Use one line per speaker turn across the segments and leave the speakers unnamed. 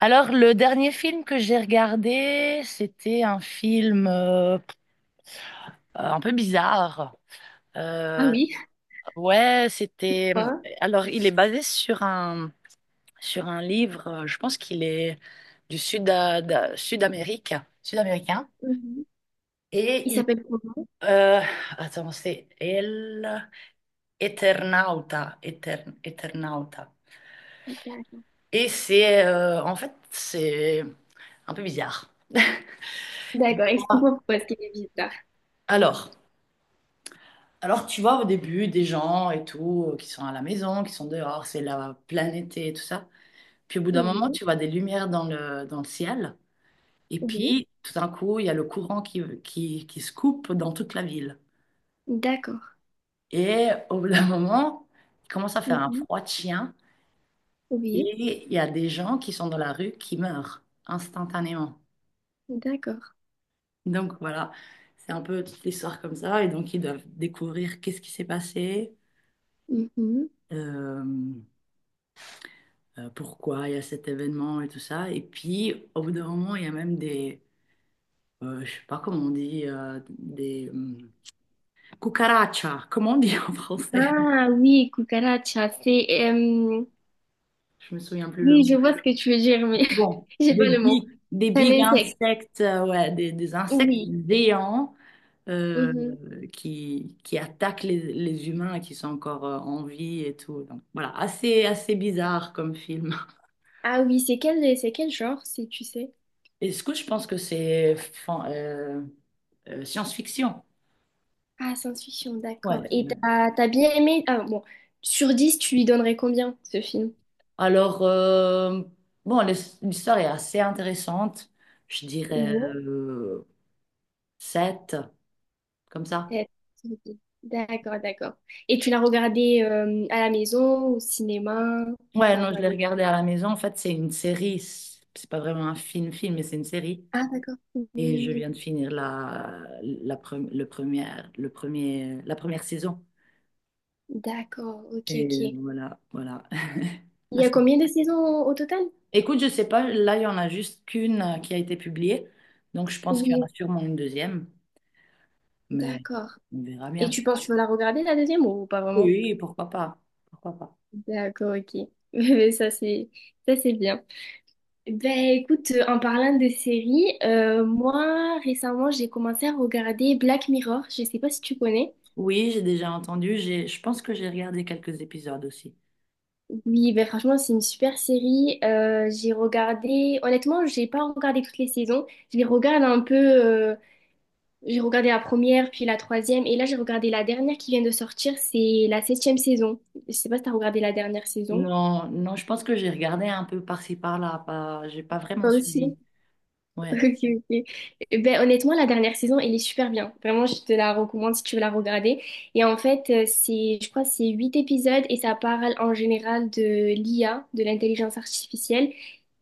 Alors, le dernier film que j'ai regardé, c'était un film un peu bizarre.
Ah
Euh,
oui,
ouais, c'était.
quoi?
Alors, il est basé sur un livre. Je pense qu'il est du Sud-Amérique, sud-américain.
Mhm.
Et
Il
il,
s'appelle comment?
euh, attends, c'est El Eternauta, Eternauta.
D'accord.
Et c'est en fait c'est un peu bizarre.
D'accord,
Bon.
explique-moi pourquoi est-ce qu'il est bizarre.
Alors. Alors, tu vois, au début, des gens et tout, qui sont à la maison, qui sont dehors, c'est la pleine été et tout ça. Puis au bout d'un moment,
Oui,
tu vois des lumières dans le ciel. Et
oui,
puis, tout d'un coup, il y a le courant qui se coupe dans toute la ville.
d'accord.
Et au bout d'un moment, il commence à faire un
Mhm.
froid de chien. Et
Oui,
il y a des gens qui sont dans la rue qui meurent instantanément.
d'accord.
Donc voilà, c'est un peu toute l'histoire comme ça. Et donc, ils doivent découvrir qu'est-ce qui s'est passé.
Mhm.
Euh, pourquoi il y a cet événement et tout ça. Et puis, au bout d'un moment, il y a même des, je sais pas comment on dit, des cucarachas, comment on dit en français?
Ah oui, cucaracha, c'est.
Je me souviens plus le mot.
Oui, je vois ce que tu veux dire, mais
Bon,
j'ai pas le mot.
des
C'est un
big
insecte,
insectes, des insectes
oui.
géants euh,
Mhm.
qui attaquent les humains qui sont encore en vie et tout. Donc voilà, assez bizarre comme film.
Ah oui, c'est quel genre, si tu sais?
Et ce que je pense que c'est science-fiction.
Ah, science-fiction, d'accord.
Ouais.
Et t'as bien aimé. Ah bon, sur 10, tu lui donnerais combien, ce film?
Alors, bon, l'histoire est assez intéressante. Je dirais 7, comme ça.
Pet Cemetery. D'accord, d'accord. Et tu l'as regardé à la maison, au cinéma?
Ouais,
Tu l'as
non, je l'ai
regardé.
regardé à la maison. En fait, c'est une série. C'est pas vraiment un film-film, mais c'est une série.
Ah, d'accord. Oui,
Et
oui,
je
oui.
viens de finir la, la, pre- le première, le premier, la première saison.
D'accord, ok, ok.
Et
Il
voilà, voilà. Ah,
y a
c'est bon.
combien de saisons au total?
Écoute, je sais pas, là, il y en a juste qu'une qui a été publiée. Donc, je pense qu'il y en a
Oui.
sûrement une deuxième. Mais
D'accord.
on verra
Et
bien.
tu penses que tu vas la regarder la deuxième ou pas vraiment?
Oui, pourquoi pas. Pourquoi pas.
D'accord, ok. Mais ça c'est bien. Ben écoute, en parlant de séries, moi récemment j'ai commencé à regarder Black Mirror. Je sais pas si tu connais.
Oui, j'ai déjà entendu. J'ai, je pense que j'ai regardé quelques épisodes aussi.
Oui, ben franchement, c'est une super série. J'ai regardé, honnêtement, j'ai pas regardé toutes les saisons. Je les regarde un peu. J'ai regardé la première, puis la troisième, et là j'ai regardé la dernière qui vient de sortir. C'est la septième saison. Je sais pas si t'as regardé la dernière saison.
Non, non, je pense que j'ai regardé un peu par-ci par-là. Pas, j'ai pas vraiment
Toi aussi.
suivi.
Ok,
Ouais,
ok. Eh ben, honnêtement, la dernière saison, elle est super bien. Vraiment, je te la recommande si tu veux la regarder. Et en fait, c'est, je crois, que c'est huit épisodes et ça parle en général de l'IA, de l'intelligence artificielle.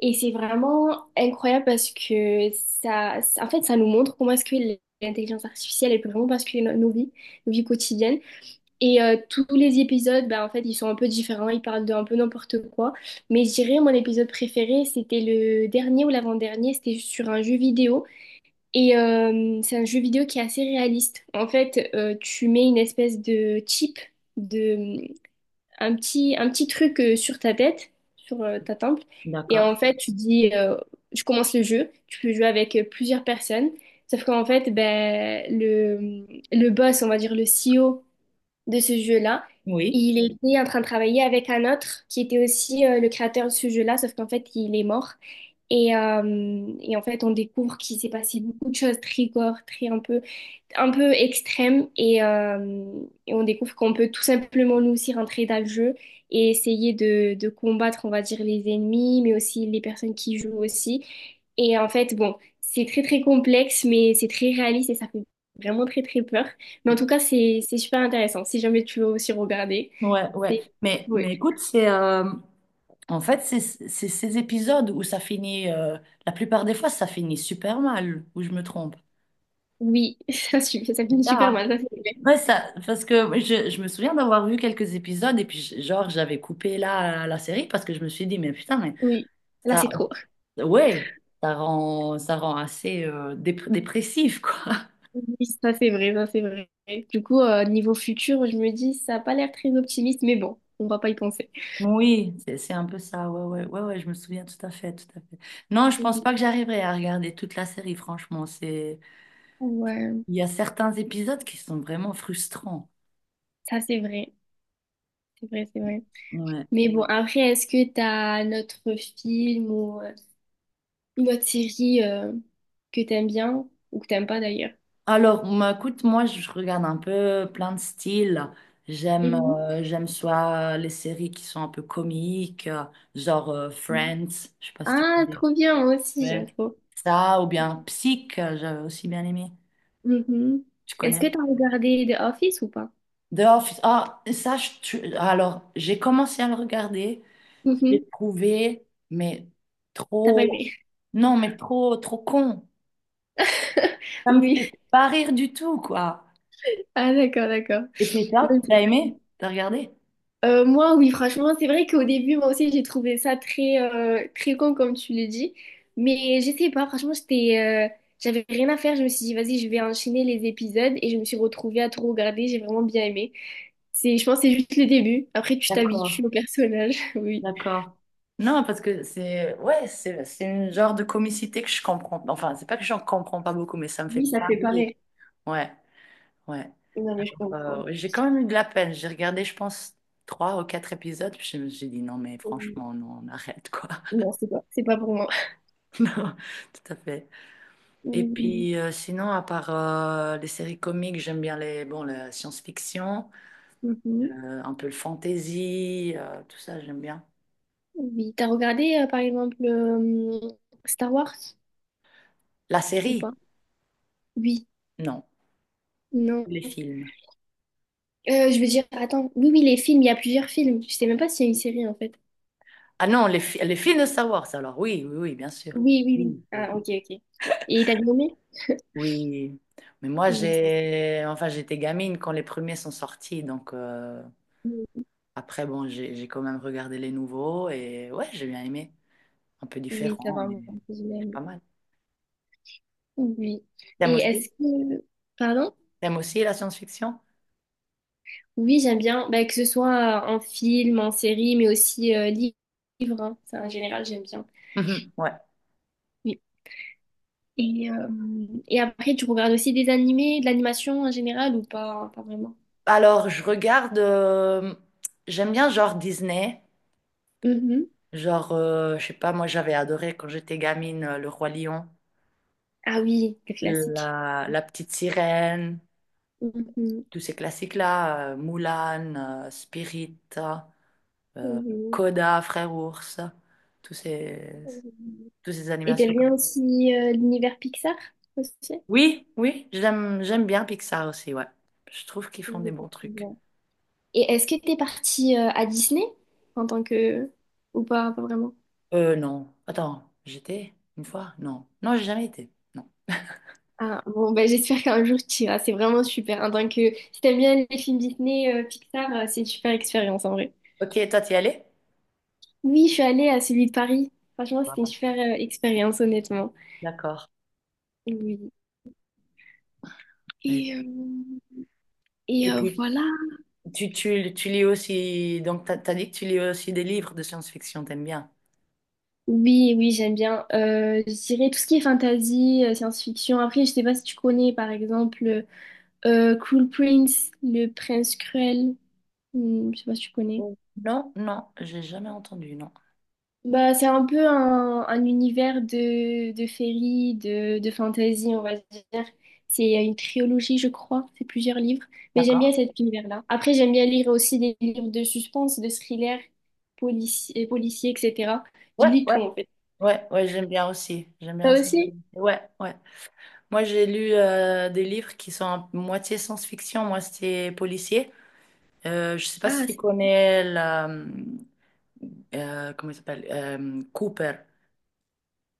Et c'est vraiment incroyable parce que en fait, ça nous montre comment est-ce que l'intelligence artificielle, elle peut vraiment basculer nos vies quotidiennes. Et tous les épisodes, bah, en fait, ils sont un peu différents, ils parlent de un peu n'importe quoi. Mais je dirais, mon épisode préféré, c'était le dernier ou l'avant-dernier, c'était sur un jeu vidéo. Et c'est un jeu vidéo qui est assez réaliste. En fait, tu mets une espèce de chip, de, un petit truc sur ta tête, sur ta temple. Et
d'accord.
en fait, tu dis, je commence le jeu, tu peux jouer avec plusieurs personnes. Sauf qu'en fait, ben, le boss, on va dire le CEO, de ce jeu-là.
Oui.
Il était en train de travailler avec un autre qui était aussi le créateur de ce jeu-là, sauf qu'en fait, il est mort. Et en fait, on découvre qu'il s'est passé beaucoup de choses très gore, très un peu extrêmes. Et on découvre qu'on peut tout simplement nous aussi rentrer dans le jeu et essayer de combattre, on va dire, les ennemis, mais aussi les personnes qui jouent aussi. Et en fait, bon, c'est très très complexe, mais c'est très réaliste et ça fait vraiment très très peur. Mais en tout cas, c'est super intéressant. Si jamais tu veux aussi regarder,
Ouais, ouais.
c'est. Oui,
Mais écoute, c'est en fait c'est ces épisodes où ça finit. La plupart des fois, ça finit super mal. Où je me trompe.
oui, ça
C'est
finit
ça,
super
hein.
mal, ça c'est vrai.
Ouais, ça, parce que je me souviens d'avoir vu quelques épisodes et puis genre j'avais coupé là la série parce que je me suis dit mais putain mais
Oui, là
ça.
c'est trop.
Ouais, ça rend assez dépressif, quoi.
Oui, ça c'est vrai, ça c'est vrai. Du coup, niveau futur, je me dis, ça n'a pas l'air très optimiste, mais bon, on va pas y penser.
Oui, c'est un peu ça. Ouais, ouais, ouais, ouais, je me souviens tout à fait, tout à fait. Non, je pense
Mm.
pas que j'arriverai à regarder toute la série, franchement. C'est,
Ouais,
il y a certains épisodes qui sont vraiment frustrants.
ça c'est vrai, c'est vrai, c'est vrai.
Ouais.
Mais bon, après, est-ce que t'as as un autre film ou une autre série que t'aimes bien ou que t'aimes pas d'ailleurs?
Alors, bah, écoute, moi, je regarde un peu plein de styles. J'aime,
Mhm.
j'aime soit les séries qui sont un peu comiques, Friends, je sais pas si tu
Ah,
connais.
trop bien, moi aussi, j'aime
Ouais.
trop.
Ça, ou bien Psych, j'avais aussi bien aimé.
Mhm.
Tu
Est-ce
connais?
que tu as regardé The Office ou pas?
The Office. Ah, ça, alors, j'ai commencé à le regarder. J'ai
Mhm.
trouvé, mais
T'as pas
trop.
aimé?
Non, mais trop, trop con. Ça me
Oui.
fait pas rire du tout, quoi.
Ah d'accord, d'accord.
Et puis, toi,
Oui,
t'as
j'avoue.
aimé? T'as regardé?
Moi, oui, franchement, c'est vrai qu'au début, moi aussi, j'ai trouvé ça très, très con, comme tu le dis. Mais je sais pas, franchement, j'avais rien à faire. Je me suis dit, vas-y, je vais enchaîner les épisodes et je me suis retrouvée à tout regarder. J'ai vraiment bien aimé. C'est, je pense que c'est juste le début. Après, tu
D'accord,
t'habitues au personnage. Oui.
d'accord. Non, parce que c'est. Ouais, c'est une genre de comicité que je comprends. Enfin, c'est pas que j'en comprends pas beaucoup, mais ça me
Oui,
fait
ça
pas
fait
rire.
pareil.
Ouais, ouais.
Non, mais je comprends.
Ouais, j'ai quand même eu de la peine. J'ai regardé, je pense, trois ou quatre épisodes, puis je me suis dit non, mais
Euh,
franchement, non, on arrête, quoi.
Non, c'est pas pour moi.
Non, tout à fait. Et puis, sinon, à part les séries comiques, j'aime bien les, bon, la science-fiction,
Mhm.
un peu le fantasy, tout ça, j'aime bien.
Oui, t'as regardé par exemple Star Wars
La
ou
série?
pas? Oui,
Non. Les
non.
films.
Je veux dire, attends, oui, oui, les films, il y a plusieurs films. Je sais même pas s'il y a une série en fait.
Ah non, les films de Star Wars, alors oui, oui, oui, bien sûr.
Oui, oui, oui.
Oui, oui.
Ah, ok, ok. Et t'as bien aimé?
Oui. Mais moi
Oui, ça,
j'ai enfin j'étais gamine quand les premiers sont sortis donc après, bon, j'ai quand même regardé les nouveaux et ouais, j'ai bien aimé. Un peu
oui, ça
différent,
va.
mais
Moi, j'ai bien
c'est
aimé.
pas mal.
Oui.
T'aimes
Et est-ce
aussi?
que. Pardon?
T'aimes aussi la science-fiction?
Oui, j'aime bien. Bah, que ce soit en film, en série, mais aussi livre, hein. Ça, en général, j'aime bien.
Mhm, ouais.
Et, euh, et après, tu regardes aussi des animés, de l'animation en général ou pas, pas vraiment?
Alors, je regarde. J'aime bien genre Disney.
Mhm.
Genre, je sais pas, moi j'avais adoré quand j'étais gamine Le Roi Lion,
Ah oui, le classique.
La Petite Sirène,
Mhm.
tous ces classiques-là. Mulan, Spirit, euh,
Oui,
Coda, Frère Ours, tous ces,
oui.
tous ces
Et
animations.
t'aimes bien aussi l'univers Pixar aussi?
Oui, oui, j'aime bien Pixar aussi, ouais. Je trouve qu'ils font
Oui,
des bons trucs.
effectivement. Et est-ce que t'es partie à Disney en tant que. Ou pas, pas vraiment?
Non. Attends, j'étais une fois? Non. Non, j'ai jamais été. Non.
Ah, bon, ben, j'espère qu'un jour tu iras, c'est vraiment super. En tant que. Si t'aimes bien les films Disney, Pixar, c'est une super expérience en vrai.
Ok, toi, t'y allais?
Oui, je suis allée à celui de Paris. Franchement, c'était une
Voilà.
super expérience, honnêtement.
D'accord.
Oui.
Et
Et, euh, et
et
euh,
puis,
voilà.
tu lis aussi, donc t'as dit que tu lis aussi des livres de science-fiction, t'aimes bien?
Oui, oui, j'aime bien. Je dirais tout ce qui est fantasy, science-fiction. Après, je sais pas si tu connais, par exemple, Cool Prince, le prince cruel. Hmm, je sais pas si tu connais.
Mm. Non, non, j'ai jamais entendu, non.
Bah, c'est un peu un univers de féerie, de fantasy, on va dire. C'est une trilogie, je crois. C'est plusieurs livres. Mais j'aime
D'accord.
bien cet univers-là. Après, j'aime bien lire aussi des livres de suspense, de thriller, policier, etc. Je
Ouais,
lis
ouais.
tout, en fait.
Ouais, ouais, j'aime bien aussi. J'aime bien
Toi
aussi.
aussi?
Ouais, ouais. Moi, j'ai lu des livres qui sont à moitié science-fiction, moitié policier. Je sais pas si
Ah,
tu connais comment il s'appelle Cooper.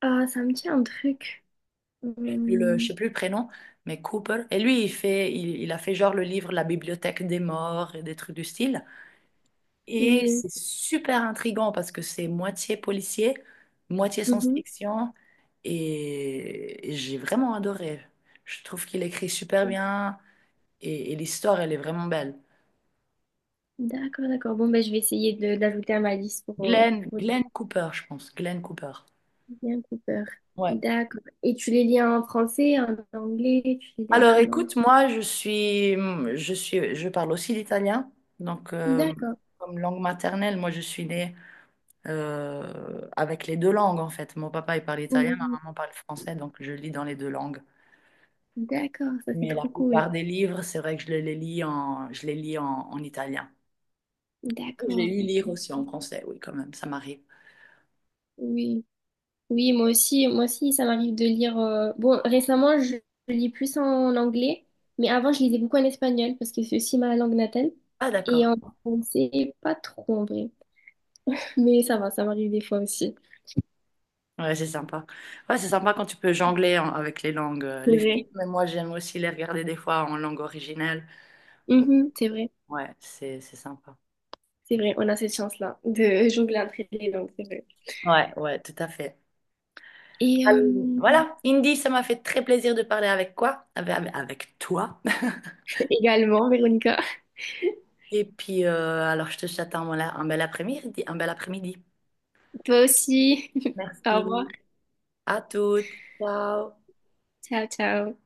ça me dit un truc.
Je
Hum,
sais plus le prénom, mais Cooper. Et lui, il fait, il a fait genre le livre La Bibliothèque des morts et des trucs du style. Et
oui.
c'est super intriguant parce que c'est moitié policier, moitié
Mhm.
science-fiction, et j'ai vraiment adoré. Je trouve qu'il écrit super bien et l'histoire, elle est vraiment belle.
D'accord, d'accord. Bon, ben, je vais essayer de d'ajouter à ma liste pour, euh,
Glenn,
pour les
Glenn Cooper, je pense. Glenn Cooper.
liens Cooper.
Ouais.
D'accord. Et tu les lis en français, en anglais? Tu les lis en
Alors
quelle langue?
écoute, moi je parle aussi l'italien, donc
D'accord.
comme langue maternelle, moi je suis née avec les deux langues en fait. Mon papa il parle italien, ma
Hum,
maman parle français, donc je lis dans les deux langues.
d'accord, ça c'est
Mais la
trop cool.
plupart des livres, c'est vrai que je les lis en en italien. Je les
D'accord.
lu lire aussi en français, oui quand même, ça m'arrive.
Oui. Oui, moi aussi, ça m'arrive de lire. Bon, récemment, je lis plus en anglais, mais avant, je lisais beaucoup en espagnol parce que c'est aussi ma langue natale.
Ah
Et
d'accord.
en français, pas trop en vrai. Mais ça va, ça m'arrive des fois aussi.
Ouais, c'est sympa. Ouais, c'est sympa quand tu peux avec les langues,
C'est
les
vrai.
films. Mais moi j'aime aussi les regarder des fois en langue originelle.
Mhm, c'est vrai,
Ouais, c'est sympa.
c'est vrai. On a cette chance-là de jongler entre les langues, c'est vrai.
Ouais, ouais, tout à fait.
Et
Euh,
euh,
Voilà, Indy, ça m'a fait très plaisir de parler avec quoi? Avec, avec toi.
également, Véronica,
Et puis, alors, je te souhaite un bel après-midi, un bel après-midi.
toi aussi. Au revoir.
Merci. À toutes. Ciao.
Ciao, ciao.